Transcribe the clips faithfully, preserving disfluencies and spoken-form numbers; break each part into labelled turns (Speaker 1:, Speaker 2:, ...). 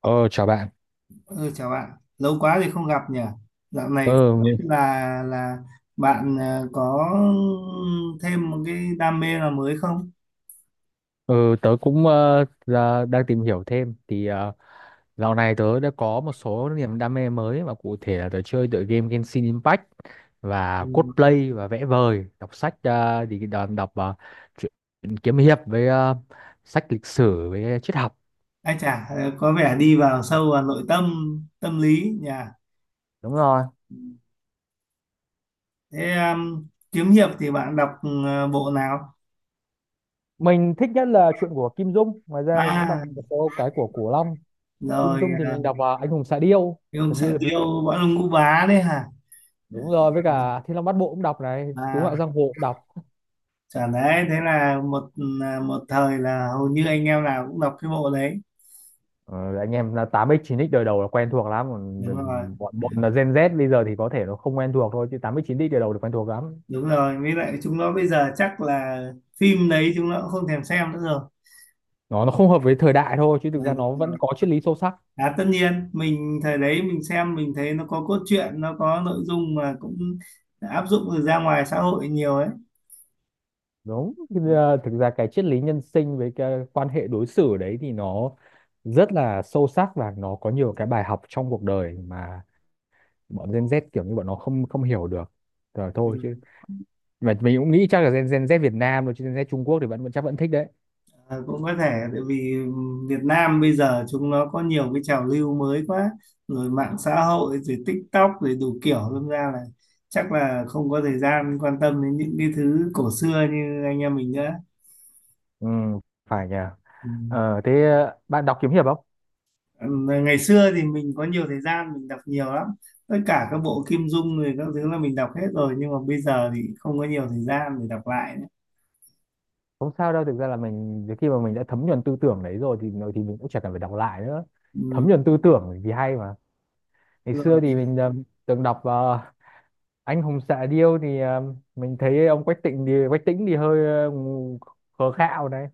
Speaker 1: Ờ, Chào bạn.
Speaker 2: Ừ, chào bạn, lâu quá thì không gặp nhỉ. Dạo này
Speaker 1: Ờ,
Speaker 2: không biết là là bạn ờ, có thêm một cái đam mê nào mới không?
Speaker 1: ờ, Tớ cũng ờ, ra- đang tìm hiểu thêm. Thì ờ, dạo này tớ đã có một số niềm đam mê mới, và cụ thể là tớ chơi tựa game Genshin Impact và
Speaker 2: Ừ.
Speaker 1: cosplay và vẽ vời, đọc sách, ờ, thì đọc, đọc ờ, truyện kiếm hiệp với ờ, sách lịch sử với triết học.
Speaker 2: Ai chả ờ, có vẻ đi vào sâu vào nội tâm tâm lý nhỉ.
Speaker 1: Đúng rồi.
Speaker 2: Thế um, kiếm hiệp thì bạn đọc ờ, bộ nào?
Speaker 1: Mình thích nhất là chuyện của Kim Dung. Ngoài ra mình cũng đọc
Speaker 2: À,
Speaker 1: một số cái của Cổ Long. Kim
Speaker 2: rồi.
Speaker 1: Dung thì mình đọc à, Anh Hùng Xạ Điêu,
Speaker 2: Uh, ông
Speaker 1: Thần Điêu
Speaker 2: xã
Speaker 1: Hiệp Lữ.
Speaker 2: điêu võ lâm ngũ bá đấy hả?
Speaker 1: Đúng rồi, với cả Thiên Long Bát Bộ cũng đọc này, Cứu
Speaker 2: À,
Speaker 1: Ngạo Giang Hồ cũng đọc.
Speaker 2: chả đấy, thế là một ừ, à, một thời là hầu như anh em nào cũng đọc cái bộ đấy.
Speaker 1: Ờ, anh em là tám x chín x đời đầu là quen thuộc lắm, còn
Speaker 2: Đúng rồi.
Speaker 1: bọn bọn là Gen Z bây giờ thì có thể nó không quen thuộc thôi, chứ tám x chín x đời đầu là quen thuộc lắm.
Speaker 2: Đúng rồi, với lại chúng nó bây giờ chắc là phim đấy chúng nó cũng không thèm xem nữa rồi.
Speaker 1: Nó nó không hợp với thời đại thôi, chứ thực ra nó vẫn có triết lý sâu sắc.
Speaker 2: À, tất nhiên mình thời đấy mình xem mình thấy nó có cốt truyện, nó có nội dung mà cũng áp dụng được ra ngoài xã hội nhiều ấy.
Speaker 1: Đúng. Thực ra thực ra cái triết lý nhân sinh với cái quan hệ đối xử đấy thì nó rất là sâu sắc, và nó có nhiều cái bài học trong cuộc đời mà bọn Gen Z kiểu như bọn nó không không hiểu được rồi
Speaker 2: Ừ.
Speaker 1: thôi. Chứ mà mình cũng nghĩ chắc là Gen, Gen Z Việt Nam rồi, chứ Gen Z Trung Quốc thì vẫn vẫn chắc vẫn thích đấy.
Speaker 2: À, cũng có thể tại vì Việt Nam bây giờ chúng nó có nhiều cái trào lưu mới quá, rồi mạng xã hội, rồi TikTok, rồi đủ kiểu, đâm ra là chắc là không có thời gian quan tâm đến những cái thứ cổ xưa như anh em mình nữa.
Speaker 1: Ừ, phải nhỉ.
Speaker 2: Ừ.
Speaker 1: Ờ, thế bạn đọc kiếm hiệp không?
Speaker 2: Ngày xưa thì mình có nhiều thời gian mình đọc nhiều lắm, tất cả các bộ Kim Dung rồi các thứ là mình đọc hết rồi, nhưng mà bây giờ thì không có nhiều thời gian để đọc lại nữa.
Speaker 1: Không sao đâu, thực ra là mình đến khi mà mình đã thấm nhuần tư tưởng đấy rồi thì rồi thì mình cũng chẳng cần phải đọc lại nữa.
Speaker 2: Ừ,
Speaker 1: Thấm nhuần tư tưởng thì hay mà. Ngày
Speaker 2: đúng
Speaker 1: xưa
Speaker 2: rồi.
Speaker 1: thì mình ờ, từng đọc ờ, anh hùng xạ điêu, thì ờ, mình thấy ông Quách Tịnh thì Quách Tĩnh thì hơi ờ, khờ khạo đấy.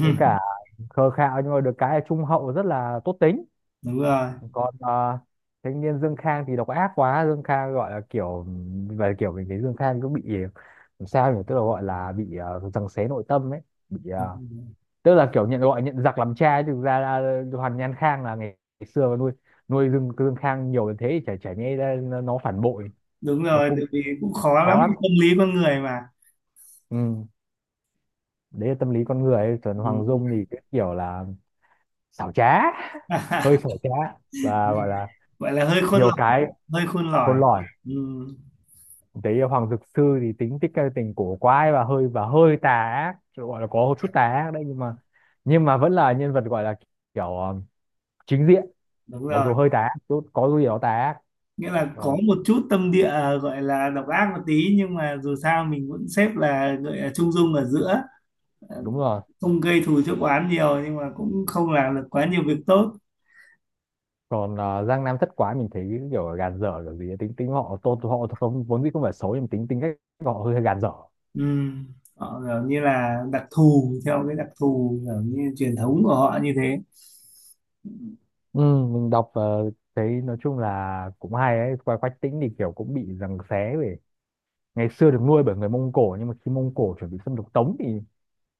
Speaker 1: Với cả khờ khạo nhưng mà được cái là trung hậu, rất là tốt tính.
Speaker 2: Đúng rồi.
Speaker 1: Còn ờ, thanh niên Dương Khang thì độc ác quá. Dương Khang gọi là kiểu, và kiểu mình thấy Dương Khang cứ bị làm sao nhỉ, tức là gọi là bị uh, giằng xé nội tâm ấy, bị ờ,
Speaker 2: Đúng rồi.
Speaker 1: tức là kiểu nhận gọi nhận giặc làm cha ấy. Thực ra là Hoàn Nhan Khang là ngày, ngày xưa nuôi nuôi Dương Dương Khang nhiều đến thế thì chả chả nhẽ ra nó nó phản bội.
Speaker 2: Đúng
Speaker 1: Nó
Speaker 2: rồi,
Speaker 1: cũng
Speaker 2: tại vì cũng khó lắm,
Speaker 1: khó lắm.
Speaker 2: tâm lý con người mà.
Speaker 1: Ừ. Đấy là tâm lý con người ấy. Còn Hoàng Dung
Speaker 2: Ừ.
Speaker 1: thì cái kiểu là xảo trá, hơi xảo trá, và gọi là
Speaker 2: Gọi là hơi khôn
Speaker 1: nhiều
Speaker 2: lỏi.
Speaker 1: cái
Speaker 2: Hơi khôn lỏi.
Speaker 1: khôn lỏi.
Speaker 2: Ừ.
Speaker 1: Đấy là Hoàng Dực Sư thì tính tích tình cổ quái, và hơi và hơi tà ác, gọi là có chút tà ác đấy, nhưng mà nhưng mà vẫn là nhân vật gọi là kiểu ờ, chính diện,
Speaker 2: Đúng
Speaker 1: mặc
Speaker 2: rồi,
Speaker 1: dù hơi tà ác chút, có gì đó tà ác.
Speaker 2: nghĩa là có
Speaker 1: Ờ,
Speaker 2: một chút tâm địa à, gọi là độc ác một tí, nhưng mà dù sao mình vẫn xếp là gọi là trung dung ở giữa,
Speaker 1: đúng rồi.
Speaker 2: không gây thù chuốc oán nhiều, nhưng mà cũng không làm được quá nhiều việc tốt.
Speaker 1: Còn ờ, Giang Nam thất quái mình thấy cái kiểu gàn dở kiểu gì ấy. Tính tính họ, tô họ không vốn dĩ không phải xấu, nhưng tính tính cách họ hơi gàn dở.
Speaker 2: Ừ. Họ kiểu như là đặc thù theo cái đặc thù kiểu như truyền thống của họ như thế.
Speaker 1: Ừ, mình đọc, ờ, thấy nói chung là cũng hay ấy. Qua Quách Tĩnh thì kiểu cũng bị giằng xé về ngày xưa được nuôi bởi người Mông Cổ, nhưng mà khi Mông Cổ chuẩn bị xâm lược Tống thì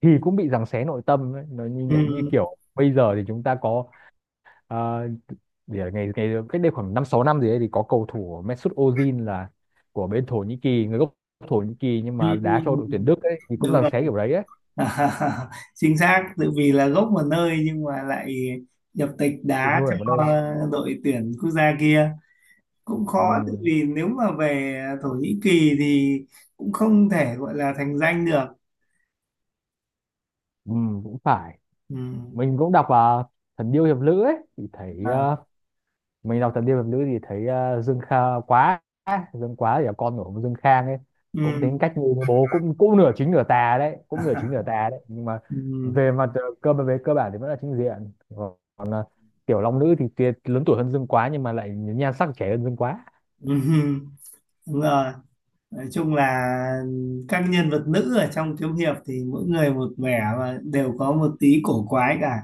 Speaker 1: thì cũng bị giằng xé nội tâm ấy. Nó như nhẹ như
Speaker 2: Ừ.
Speaker 1: kiểu bây giờ thì chúng ta có, ờ, vì là ngày ngày cách đây khoảng năm sáu năm gì đấy, thì có cầu thủ Mesut Ozil là của bên Thổ Nhĩ Kỳ, người gốc Thổ Nhĩ Kỳ nhưng
Speaker 2: Ừ.
Speaker 1: mà đá cho đội tuyển Đức ấy, thì cũng
Speaker 2: Đúng
Speaker 1: giằng
Speaker 2: rồi.
Speaker 1: xé kiểu đấy ấy,
Speaker 2: Chính xác, tự vì là gốc một nơi nhưng mà lại nhập tịch
Speaker 1: được
Speaker 2: đá
Speaker 1: nuôi ở một nơi.
Speaker 2: cho đội tuyển quốc gia kia, cũng khó tự
Speaker 1: Ừ,
Speaker 2: vì nếu mà về Thổ Nhĩ Kỳ thì cũng không thể gọi là thành danh được.
Speaker 1: ừ, cũng phải.
Speaker 2: Ừ.
Speaker 1: Mình cũng đọc là Thần Điêu Hiệp Lữ ấy thì thấy,
Speaker 2: À.
Speaker 1: ờ, mình đọc Thập Niên Hiệp Nữ thì thấy ờ, Dương Kha quá, Dương Quá thì là con của ông Dương Khang ấy, cũng
Speaker 2: Ừ.
Speaker 1: tính cách như bố, cũng cũng nửa chính nửa tà đấy, cũng nửa chính nửa tà đấy nhưng mà
Speaker 2: Ừ.
Speaker 1: về mặt ờ, cơ về cơ bản thì vẫn là chính diện. Còn ờ, Tiểu Long Nữ thì tuyệt, lớn tuổi hơn Dương Quá nhưng mà lại nhan sắc trẻ hơn Dương Quá.
Speaker 2: Ừ, đúng rồi, nói chung là các nhân vật nữ ở trong kiếm hiệp thì mỗi người một vẻ và đều có một tí cổ quái cả.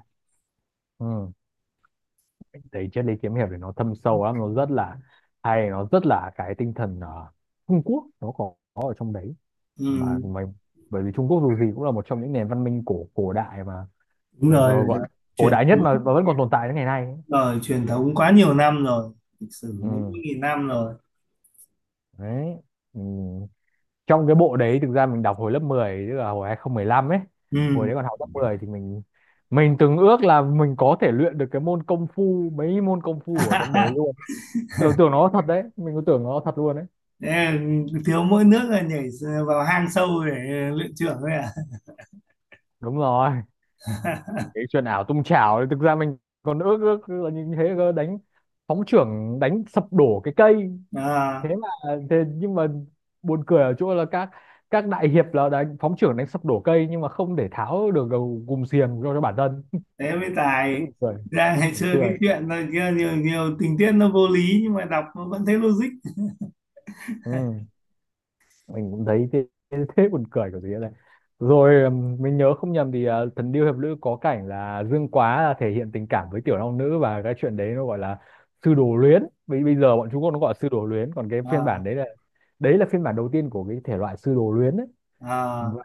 Speaker 1: Ừ. Thấy triết lý kiếm hiệp thì nó thâm sâu lắm, nó rất là hay, nó rất là cái tinh thần ờ, Trung Quốc nó có, có ở trong đấy. Mà
Speaker 2: Ừ,
Speaker 1: mình, bởi vì Trung Quốc dù gì cũng là một trong những nền văn minh cổ cổ đại mà,
Speaker 2: đúng
Speaker 1: nó
Speaker 2: rồi,
Speaker 1: gọi là cổ
Speaker 2: truyền
Speaker 1: đại nhất mà,
Speaker 2: thống.
Speaker 1: mà vẫn còn tồn tại đến ngày nay ấy.
Speaker 2: Rồi truyền thống quá nhiều năm rồi, lịch sử bốn
Speaker 1: Ừ.
Speaker 2: mươi nghìn năm rồi.
Speaker 1: Đấy. Ừ. Trong cái bộ đấy thực ra mình đọc hồi lớp mười, tức là hồi hai không một lăm ấy.
Speaker 2: Ừ.
Speaker 1: Hồi đấy còn học lớp mười thì mình mình từng ước là mình có thể luyện được cái môn công phu, mấy môn công phu ở trong đấy luôn. Tưởng tưởng nó thật đấy, mình cứ tưởng nó thật luôn đấy.
Speaker 2: Thế thiếu mỗi nước là nhảy vào hang sâu để luyện trưởng thôi à?
Speaker 1: Đúng rồi. Cái chuyện ảo tung chảo ấy, thực ra mình còn ước ước là như thế cơ, đánh phóng chưởng đánh sập đổ cái cây. Thế
Speaker 2: À,
Speaker 1: mà thế nhưng mà buồn cười ở chỗ là các các đại hiệp là đánh phóng trưởng đánh sập đổ cây, nhưng mà không để tháo được gầu gùm xiềng cho cho bản thân.
Speaker 2: thế mới
Speaker 1: Thấy
Speaker 2: tài.
Speaker 1: buồn cười,
Speaker 2: Ra ngày
Speaker 1: buồn
Speaker 2: xưa cái
Speaker 1: cười.
Speaker 2: chuyện là kia nhiều, nhiều tình tiết nó vô lý nhưng mà đọc nó vẫn thấy logic.
Speaker 1: Ừ, mình cũng thấy thế, thế, Thế buồn cười kiểu gì này. Rồi ừm, mình nhớ không nhầm thì ờ, Thần Điêu Hiệp Lữ có cảnh là Dương Quá là thể hiện tình cảm với Tiểu Long Nữ, và cái chuyện đấy nó gọi là sư đồ luyến. Bây bây giờ bọn Trung Quốc nó gọi là sư đồ luyến, còn cái phiên
Speaker 2: À.
Speaker 1: bản đấy là, đấy là phiên bản đầu tiên của cái thể loại sư đồ luyến ấy.
Speaker 2: À.
Speaker 1: và,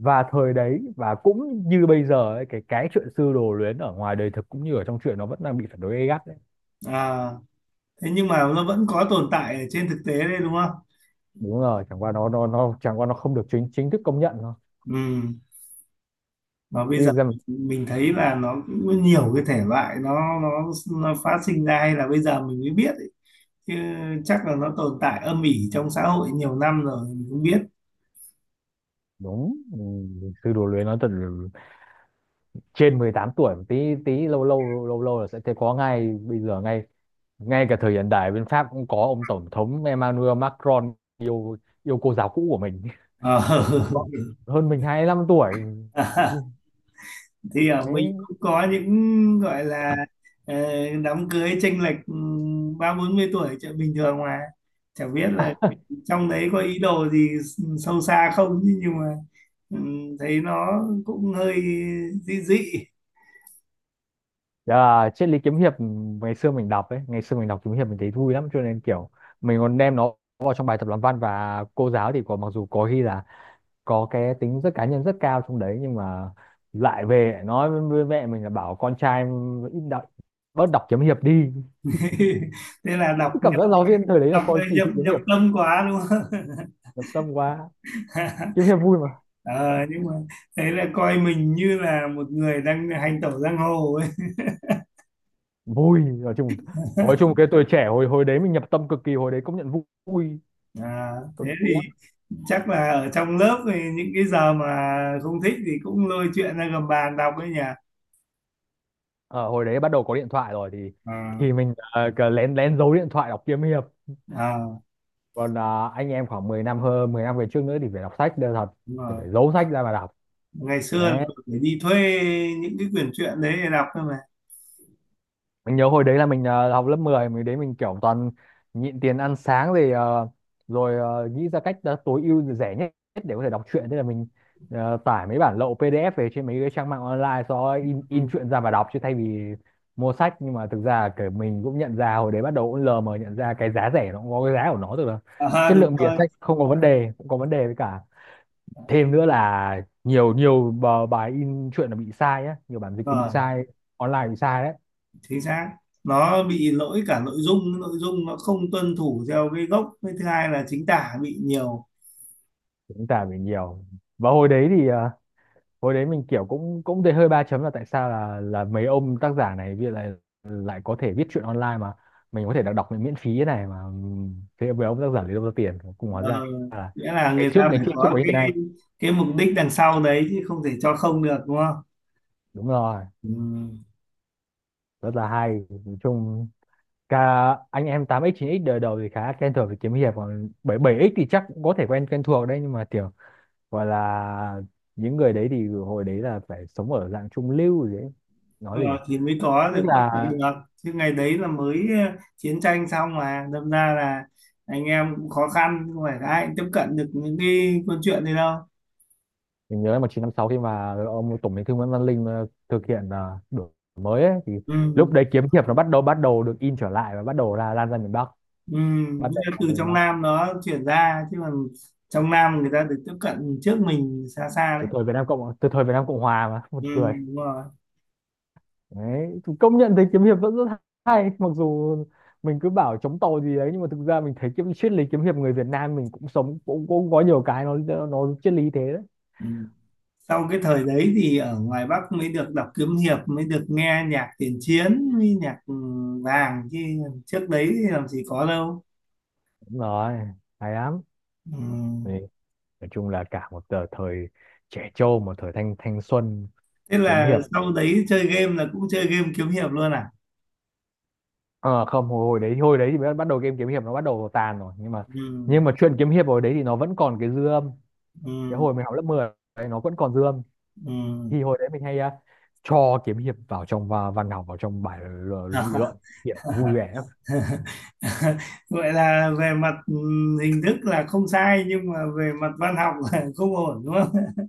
Speaker 1: và thời đấy và cũng như bây giờ ấy, cái cái chuyện sư đồ luyến ở ngoài đời thực cũng như ở trong truyện nó vẫn đang bị phản đối gay gắt đấy.
Speaker 2: À, thế nhưng mà nó vẫn có tồn tại ở trên thực tế đấy đúng không?
Speaker 1: Đúng rồi, chẳng qua nó nó nó chẳng qua nó không được chính chính thức công nhận thôi,
Speaker 2: Ừ. Và
Speaker 1: chứ
Speaker 2: bây giờ
Speaker 1: thực ra mà-
Speaker 2: mình thấy là nó cũng có nhiều cái thể loại nó nó nó phát sinh ra hay là bây giờ mình mới biết ấy. Chứ chắc là nó tồn tại âm ỉ trong xã hội nhiều năm rồi mình cũng biết.
Speaker 1: đúng ừ, sư đồ luyến nó thật là, trên mười tám tuổi một tí, tí lâu lâu lâu lâu là sẽ thấy có ngay. Bây giờ, ngay ngay cả thời hiện đại bên Pháp cũng có ông tổng thống Emmanuel Macron yêu, yêu cô giáo cũ của mình.
Speaker 2: Ờ.
Speaker 1: Làm rõ. Hơn mình hai mươi lăm tuổi.
Speaker 2: Thì ở mình
Speaker 1: Thế.
Speaker 2: cũng có những gọi là ờ, đám cưới chênh lệch ừ, ba bốn mươi tuổi chuyện bình thường mà, chẳng biết là trong đấy có ý đồ gì sâu xa không chứ, nhưng mà ừ, thấy nó cũng hơi dị dị.
Speaker 1: Dạ, triết lý kiếm hiệp, ừ, ngày xưa mình đọc ấy, ngày xưa mình đọc kiếm hiệp mình thấy vui lắm, cho nên kiểu mình còn đem nó vào trong bài tập làm văn, và cô giáo thì có, mặc dù có khi là có cái tính rất cá nhân rất cao trong đấy, nhưng mà lại về nói với mẹ mình là bảo con trai ừ, ít đọc bớt đọc kiếm hiệp đi.
Speaker 2: Thế là đọc
Speaker 1: Cứ cảm
Speaker 2: nhập
Speaker 1: giác giáo viên thời đấy là
Speaker 2: đọc
Speaker 1: coi
Speaker 2: ờ,
Speaker 1: kỳ
Speaker 2: nhập
Speaker 1: thị kiếm
Speaker 2: nhập
Speaker 1: hiệp.
Speaker 2: tâm quá đúng không?
Speaker 1: Nhập tâm quá. Kiếm hiệp vui mà.
Speaker 2: Ờ, nhưng mà thế là coi mình như là một người đang hành tẩu giang hồ ấy.
Speaker 1: Vui, nói chung nói chung cái tuổi trẻ hồi hồi đấy mình nhập tâm cực kỳ, hồi đấy công nhận vui,
Speaker 2: À,
Speaker 1: công
Speaker 2: thế
Speaker 1: nhận vui
Speaker 2: thì
Speaker 1: lắm.
Speaker 2: chắc là ở trong lớp thì những cái giờ mà không thích thì cũng lôi chuyện ra gầm bàn đọc ấy nhỉ.
Speaker 1: Ờ, hồi đấy bắt đầu có điện thoại rồi thì,
Speaker 2: À.
Speaker 1: thì mình ờ, cứ lén lén giấu điện thoại đọc kiếm hiệp.
Speaker 2: À,
Speaker 1: Còn ờ, anh em khoảng mười năm, hơn mười năm về trước nữa, thì phải đọc sách đều thật,
Speaker 2: đúng
Speaker 1: thì
Speaker 2: rồi.
Speaker 1: phải giấu sách ra mà đọc.
Speaker 2: Ngày xưa là
Speaker 1: Đấy,
Speaker 2: tôi phải đi thuê những cái quyển truyện đấy để đọc thôi mà.
Speaker 1: mình nhớ hồi đấy là mình ờ, học lớp mười, mình đấy mình kiểu toàn nhịn tiền ăn sáng, rồi ờ, rồi ờ, nghĩ ra cách ờ, tối ưu rẻ nhất để có thể đọc truyện. Thế là mình ờ, tải mấy bản lậu pê đê ép về trên mấy cái trang mạng online, sau đó in in
Speaker 2: Ừ.
Speaker 1: truyện ra và đọc chứ thay vì mua sách. Nhưng mà thực ra kiểu mình cũng nhận ra hồi đấy, bắt đầu cũng lờ mờ nhận ra cái giá rẻ nó cũng có cái giá của nó, tức là
Speaker 2: À,
Speaker 1: chất
Speaker 2: đúng
Speaker 1: lượng bìa
Speaker 2: rồi.
Speaker 1: sách không có vấn đề, cũng có vấn đề, với cả thêm nữa là nhiều nhiều bờ- bài in truyện là bị sai á, nhiều bản dịch thì bị
Speaker 2: Rồi.
Speaker 1: sai online bị sai đấy.
Speaker 2: Chính xác, nó bị lỗi cả nội dung, nội dung nó không tuân thủ theo cái gốc, với thứ hai là chính tả bị nhiều.
Speaker 1: Dũng cảm mình nhiều. Và hồi đấy thì à, hồi đấy mình kiểu cũng cũng thấy hơi ba chấm là tại sao là là mấy ông tác giả này bây giờ lại lại có thể viết truyện online mà mình có thể đọc đọc miễn phí thế này mà, ừm, thế mấy ông tác giả lấy đâu ra tiền cùng. Hóa
Speaker 2: Ờ,
Speaker 1: ra là
Speaker 2: nghĩa là
Speaker 1: ngày
Speaker 2: người
Speaker 1: trước
Speaker 2: ta
Speaker 1: ngày
Speaker 2: phải
Speaker 1: trước chưa
Speaker 2: có
Speaker 1: có như thế
Speaker 2: cái
Speaker 1: này.
Speaker 2: cái mục đích đằng sau đấy chứ không thể cho không được đúng không?
Speaker 1: Đúng rồi,
Speaker 2: Ừ.
Speaker 1: rất là hay nói chung. Cả anh em tám x chín x đời đầu thì khá Quen thuộc với kiếm hiệp, còn bảy mươi bảy x thì chắc cũng có thể quen quen thuộc đấy, nhưng mà kiểu gọi là những người đấy thì hồi đấy là phải sống ở dạng trung lưu gì đấy, nói
Speaker 2: Đúng
Speaker 1: gì nhỉ?
Speaker 2: rồi, thì mới có
Speaker 1: Tức
Speaker 2: được tiếp
Speaker 1: là
Speaker 2: cận được, chứ ngày đấy là mới ờ, chiến tranh xong mà đâm ra là anh em cũng khó khăn, không phải ai cũng tiếp cận được những cái câu chuyện này đâu.
Speaker 1: mình nhớ một nghìn chín trăm năm mươi sáu, khi mà ông Tổng Bí thư Nguyễn Văn Linh ờ, thực hiện ờ, đổi mới ấy, thì lúc
Speaker 2: Ừ.
Speaker 1: đấy kiếm hiệp nó bắt đầu bắt đầu được in trở lại và bắt đầu là lan ra miền Bắc,
Speaker 2: Ừ.
Speaker 1: bắt
Speaker 2: Nhưng
Speaker 1: đầu
Speaker 2: mà
Speaker 1: lan
Speaker 2: từ
Speaker 1: ra miền
Speaker 2: trong
Speaker 1: Bắc.
Speaker 2: Nam nó chuyển ra chứ còn trong Nam người ta được tiếp cận trước mình xa xa
Speaker 1: Từ
Speaker 2: đấy.
Speaker 1: thời Việt Nam Cộng từ thời Việt Nam Cộng Hòa mà buồn
Speaker 2: Ừ.
Speaker 1: cười.
Speaker 2: Đúng rồi.
Speaker 1: Đấy, thì công nhận thấy kiếm hiệp vẫn rất hay, mặc dù mình cứ bảo chống tàu gì đấy nhưng mà thực ra mình thấy kiếm triết lý kiếm hiệp người Việt Nam mình cũng sống cũng, cũng có nhiều cái nó nó triết lý thế đấy.
Speaker 2: Ừ. Sau cái thời đấy thì ở ngoài Bắc mới được đọc kiếm hiệp, mới được nghe nhạc tiền chiến với nhạc ừ, vàng, chứ trước đấy thì làm gì có đâu.
Speaker 1: Đúng rồi, hay lắm.
Speaker 2: Ừ.
Speaker 1: Thì nói chung là cả một tờ- thời trẻ trâu, một thời thanh thanh xuân.
Speaker 2: Thế
Speaker 1: Kiếm
Speaker 2: là
Speaker 1: hiệp,
Speaker 2: sau đấy chơi game là cũng chơi game kiếm hiệp luôn à?
Speaker 1: ờ không, hồi, hồi đấy hồi đấy thì bắt bắt đầu game kiếm hiệp nó bắt đầu tàn rồi, nhưng mà
Speaker 2: Ừ,
Speaker 1: nhưng mà chuyện kiếm hiệp hồi đấy thì nó vẫn còn cái dư âm, cái
Speaker 2: ừ,
Speaker 1: hồi mình học lớp mười đấy, nó vẫn còn dư âm.
Speaker 2: ừ.
Speaker 1: Thì hồi đấy mình hay à, cho kiếm hiệp vào trong và văn học vào trong bài l- nghị luận, kiểu vui vẻ lắm.
Speaker 2: Vậy là về mặt ừ, hình thức là không sai nhưng mà về mặt văn học là không ổn đúng không?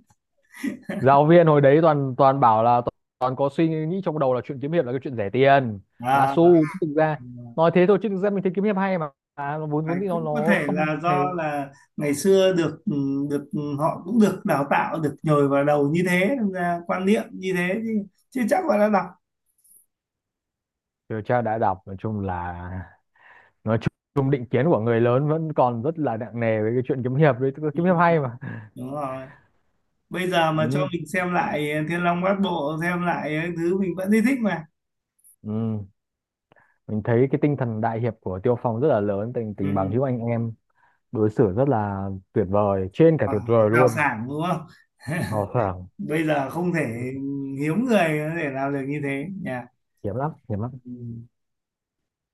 Speaker 1: Giáo viên hồi đấy toàn toàn bảo là toàn, toàn có suy nghĩ trong đầu là chuyện kiếm hiệp là cái chuyện rẻ tiền bá
Speaker 2: À,
Speaker 1: xu, chứ thực ra nói thế thôi chứ thực ra mình thấy kiếm hiệp hay mà, à, nó vốn
Speaker 2: à,
Speaker 1: vốn dĩ nó
Speaker 2: cũng có
Speaker 1: nó
Speaker 2: thể
Speaker 1: không
Speaker 2: là
Speaker 1: hay.
Speaker 2: do là ngày xưa được ừ, được ừ, họ cũng được đào tạo, được nhồi vào đầu như thế nên ra quan niệm như thế chứ, chứ chắc là đã đọc.
Speaker 1: Điều tra đã đọc, nói chung là nói chung định kiến của người lớn vẫn còn rất là nặng nề với cái chuyện kiếm hiệp đấy, tức là
Speaker 2: Ừ,
Speaker 1: kiếm hiệp hay mà.
Speaker 2: đúng rồi. Bây giờ mà cho
Speaker 1: Ừ.
Speaker 2: mình xem lại ờ, Thiên Long Bát Bộ xem lại cái thứ mình vẫn thấy thích mà.
Speaker 1: Ừ. Mình thấy cái tinh thần đại hiệp của Tiêu Phong rất là lớn, tình tình bằng
Speaker 2: Ừ.
Speaker 1: hữu anh em đối xử rất là tuyệt vời, trên cả
Speaker 2: Ờ,
Speaker 1: tuyệt vời
Speaker 2: đào
Speaker 1: luôn.
Speaker 2: sản đúng không?
Speaker 1: Hào sảng.
Speaker 2: Bây giờ không thể, hiếm người để làm được như thế nhỉ.
Speaker 1: Hiếm lắm, hiếm lắm.
Speaker 2: Ừ.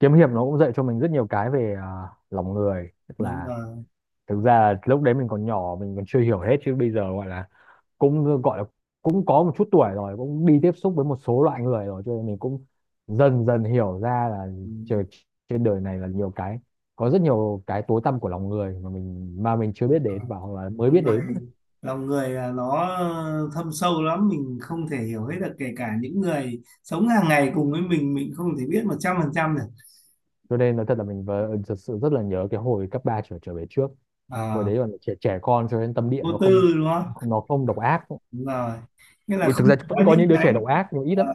Speaker 1: Kiếm hiệp nó cũng dạy cho mình rất nhiều cái về à, lòng người, tức
Speaker 2: Đúng
Speaker 1: là
Speaker 2: rồi.
Speaker 1: thực ra là lúc đấy mình còn nhỏ mình còn chưa hiểu hết, chứ bây giờ gọi là cũng gọi là cũng có một chút tuổi rồi, cũng đi tiếp xúc với một số loại người rồi cho nên mình cũng dần dần hiểu ra là
Speaker 2: Ừ.
Speaker 1: trời, trên đời này là nhiều cái, có rất nhiều cái tối tăm của lòng người mà mình mà mình chưa biết đến, và hoặc là mới biết
Speaker 2: Con
Speaker 1: đến.
Speaker 2: người, lòng người là nó ờ, thâm sâu lắm, mình không thể hiểu hết được, kể cả những người sống hàng ngày cùng với mình mình không thể biết một trăm phần trăm được.
Speaker 1: Cho nên nói thật là mình vờ- ừ, thật sự rất là nhớ cái hồi cấp ba trở trở về trước. Hồi
Speaker 2: Ờ,
Speaker 1: đấy còn trẻ trẻ con cho nên tâm địa
Speaker 2: vô
Speaker 1: nó không,
Speaker 2: tư đúng không?
Speaker 1: nó không độc ác.
Speaker 2: Đúng rồi, nghĩa là
Speaker 1: Ừ, thực
Speaker 2: không
Speaker 1: ra vẫn
Speaker 2: có
Speaker 1: có những
Speaker 2: những
Speaker 1: đứa trẻ
Speaker 2: cái
Speaker 1: độc ác nhưng ít lắm.
Speaker 2: ờ,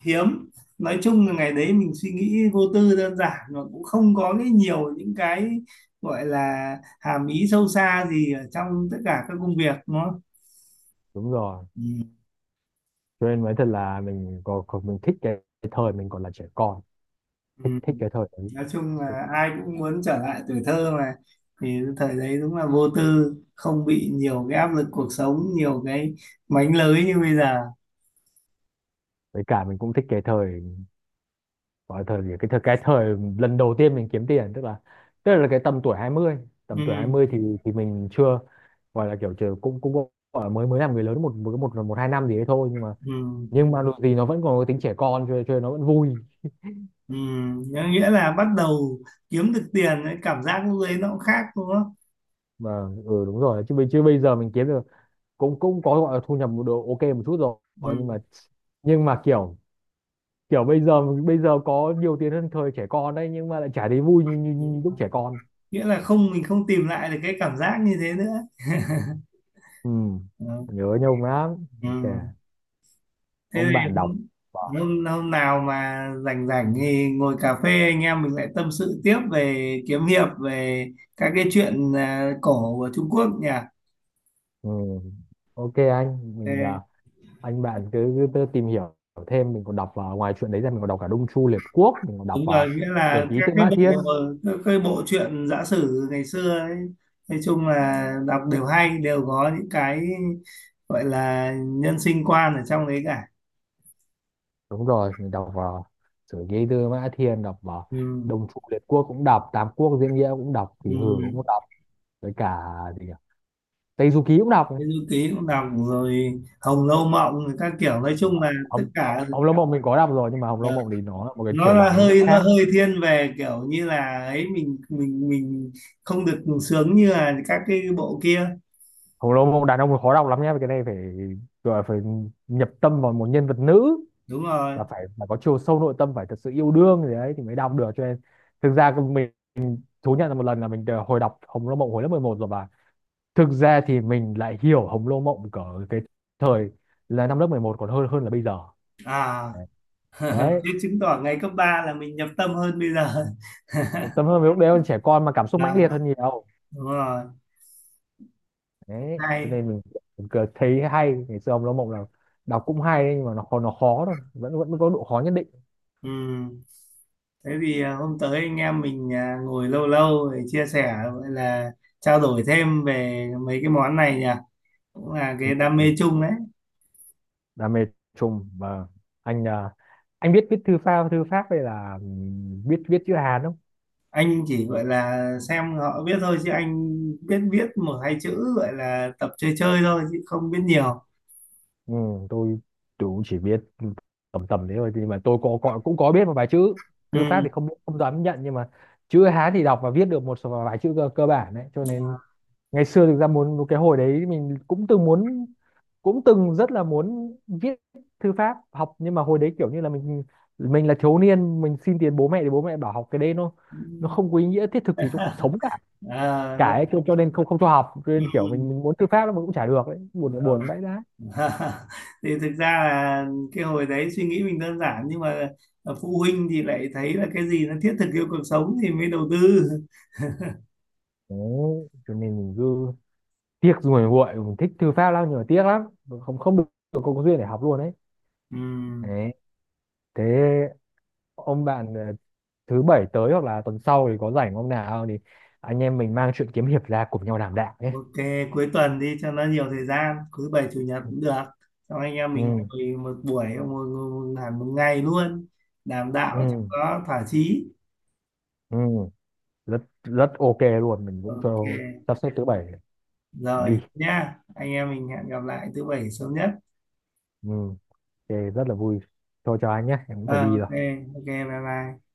Speaker 2: hiếm, nói chung là ngày đấy mình suy nghĩ vô tư đơn giản mà cũng không có cái nhiều những cái gọi là hàm ý sâu xa gì ở trong tất cả các công việc nó.
Speaker 1: Đúng rồi,
Speaker 2: Ừ.
Speaker 1: cho nên nói thật là mình có, có mình thích cái, cái thời mình còn là trẻ con. Thích
Speaker 2: Ừ.
Speaker 1: Thích cái thời đấy.
Speaker 2: Nói chung là ai cũng muốn trở lại tuổi thơ mà, thì thời đấy đúng là vô tư, không bị nhiều cái áp lực cuộc sống, nhiều cái mánh lới như bây giờ.
Speaker 1: Với cả mình cũng thích cái thời, gọi là thời gì, cái thời cái thời lần đầu tiên mình kiếm tiền, tức là tức là cái tầm tuổi hai mươi tầm tuổi hai
Speaker 2: Ừ.
Speaker 1: mươi thì thì mình chưa, gọi là kiểu chưa, cũng cũng gọi là mới, mới làm người lớn một một một, một hai năm gì đấy thôi, nhưng mà
Speaker 2: Ừ.
Speaker 1: nhưng mà dù gì nó vẫn còn cái tính trẻ con cho cho nên nó vẫn vui
Speaker 2: Ừ. Nghĩa là bắt đầu kiếm được tiền cái cảm giác lúc đấy nó cũng khác đúng không?
Speaker 1: mà. Ừ đúng rồi, chứ bây chứ bây giờ mình kiếm được cũng cũng có gọi là thu nhập một độ ok một chút rồi, nhưng mà nhưng mà kiểu kiểu bây giờ bây giờ có nhiều tiền hơn thời trẻ con đấy nhưng mà lại chả thấy vui như như,
Speaker 2: Ừ.
Speaker 1: như lúc trẻ con.
Speaker 2: Nghĩa là không mình không tìm lại được cái cảm giác như thế nữa.
Speaker 1: Ừ.
Speaker 2: Ừ.
Speaker 1: Nhớ Nhung lắm.
Speaker 2: Ừ.
Speaker 1: Đấy kìa,
Speaker 2: Thế
Speaker 1: ông bạn
Speaker 2: thì
Speaker 1: đọc.
Speaker 2: hôm, hôm hôm nào mà rảnh rảnh thì ngồi cà phê anh em mình lại tâm sự tiếp về kiếm hiệp, về các cái chuyện à, cổ của Trung Quốc nhỉ.
Speaker 1: Ừ, ok anh mình,
Speaker 2: Thế-
Speaker 1: à, anh bạn cứ, cứ tự tìm hiểu thêm. Mình còn đọc vào, ngoài chuyện đấy ra mình còn đọc cả Đông Chu Liệt Quốc, mình còn đọc
Speaker 2: Đúng rồi,
Speaker 1: vào
Speaker 2: nghĩa
Speaker 1: Sử
Speaker 2: là
Speaker 1: ký
Speaker 2: các
Speaker 1: Tư
Speaker 2: cái
Speaker 1: Mã
Speaker 2: bộ
Speaker 1: Thiên.
Speaker 2: các cái bộ truyện giã sử ngày xưa ấy, nói chung là đọc đều hay, đều có những cái gọi là nhân sinh quan ở trong đấy cả.
Speaker 1: Đúng rồi, mình đọc vào Sử ký Tư Mã Thiên, đọc vào
Speaker 2: Ừ.
Speaker 1: Đông Chu Liệt Quốc cũng đọc, Tám Quốc Diễn Nghĩa cũng đọc,
Speaker 2: Ừ.
Speaker 1: kỷ Hử cũng đọc, với cả gì nhỉ? Tây Du Ký cũng đọc.
Speaker 2: Cái du ký cũng đọc rồi, Hồng Lâu Mộng rồi các kiểu, nói
Speaker 1: Ờ,
Speaker 2: chung là tất
Speaker 1: Hồng,
Speaker 2: cả.
Speaker 1: Hồng Hồng Lâu Mộng mình có đọc rồi, nhưng mà Hồng Lâu
Speaker 2: ờ,
Speaker 1: Mộng thì nó là một cái
Speaker 2: nó
Speaker 1: thể
Speaker 2: là
Speaker 1: loại nó rất
Speaker 2: hơi nó
Speaker 1: khác.
Speaker 2: hơi thiên về kiểu như là ấy, mình mình mình không được sướng như là các cái bộ kia.
Speaker 1: Khổng lồ mộng đàn ông là khó đọc lắm nhé, cái này phải gọi là phải nhập tâm vào một nhân vật nữ,
Speaker 2: Đúng rồi.
Speaker 1: và phải phải có chiều sâu nội tâm, phải thật sự yêu đương gì đấy thì mới đọc được. Cho nên thực ra cái mình, mình thú nhận là một lần là mình đã hồi đọc Hồng Lô Mộng hồi lớp mười một rồi, và thực ra thì mình lại hiểu Hồng Lô Mộng cỡ cái thời là năm lớp mười một còn hơn, hơn là bây giờ.
Speaker 2: À,
Speaker 1: Đấy,
Speaker 2: thế chứng tỏ ngày cấp ba là mình nhập tâm hơn bây giờ.
Speaker 1: tâm hơn với lúc đấy còn trẻ con mà cảm xúc mãnh
Speaker 2: Là
Speaker 1: liệt hơn nhiều.
Speaker 2: đúng rồi.
Speaker 1: Đấy cho
Speaker 2: Hay.
Speaker 1: nên mình, mình cứ thấy hay ngày xưa, Hồng Lô Mộng là đọc cũng hay đấy, nhưng mà nó khó, nó khó thôi, vẫn vẫn có độ khó nhất định.
Speaker 2: Ừ. Thế thì à, hôm tới anh em mình à, ngồi lâu lâu để chia sẻ, gọi là trao đổi thêm về mấy cái món này nhỉ, cũng là
Speaker 1: Ừ.
Speaker 2: cái đam mê chung đấy.
Speaker 1: Đam mê chung, và anh, à, anh biết viết thư pháp, thư pháp hay là biết viết chữ Hán không?
Speaker 2: Anh chỉ gọi là xem họ biết thôi, chứ anh biết biết một hai chữ gọi là tập chơi chơi thôi chứ không biết nhiều.
Speaker 1: Ừ, tôi tôi cũng chỉ biết tầm tầm thế thôi, nhưng mà tôi có, có cũng có biết một vài chữ. Thư pháp
Speaker 2: Ừ.
Speaker 1: thì không, không dám nhận, nhưng mà chữ Hán thì đọc và viết được một số vài chữ cơ, cơ bản đấy. Cho nên ngày xưa thực ra muốn, cái hồi đấy mình cũng từng muốn, cũng từng rất là muốn viết thư pháp học, nhưng mà hồi đấy kiểu như là mình mình là thiếu niên, mình xin tiền bố mẹ thì bố mẹ bảo học cái đấy nó nó không có ý nghĩa thiết thực gì trong cuộc sống cả.
Speaker 2: À, nó-.
Speaker 1: Cãi cho, cho nên không, không cho học, cho nên kiểu
Speaker 2: Ừ.
Speaker 1: mình mình muốn thư pháp nó mà cũng chả được đấy, buồn
Speaker 2: Rồi.
Speaker 1: buồn vãi đái.
Speaker 2: Thì thực ra là cái hồi đấy suy nghĩ mình đơn giản, nhưng mà phụ huynh thì lại thấy là cái gì nó thiết thực, yêu cuộc sống thì mới đầu tư.
Speaker 1: Đấy cho nên mình cứ tiếc ruồi muội, mình thích thư pháp lắm nhưng mà tiếc lắm, không không được, không có duyên để học luôn đấy.
Speaker 2: Ừ.
Speaker 1: Đấy, thế ông bạn, ờ, thứ bảy tới hoặc là tuần sau thì có rảnh hôm nào thì anh em mình mang chuyện kiếm hiệp ra cùng nhau đảm đạo nhé.
Speaker 2: Ok, cuối tuần đi cho nó nhiều thời gian, cuối bảy chủ nhật cũng được. Xong anh em
Speaker 1: ừ
Speaker 2: mình ngồi một buổi, một, một, một, hẳn một ngày luôn, đàm đạo
Speaker 1: ừ
Speaker 2: cho nó thỏa chí.
Speaker 1: ừ Rất rất ok luôn, mình cũng
Speaker 2: Ok,
Speaker 1: cho sắp xếp thứ bảy
Speaker 2: rồi
Speaker 1: đi.
Speaker 2: nhá, anh em mình hẹn gặp lại thứ bảy sớm nhất.
Speaker 1: Ừ ok, rất là vui. Thôi chào anh nhé, em cũng
Speaker 2: Ờ,
Speaker 1: phải đi rồi.
Speaker 2: ok, ok, bye bye.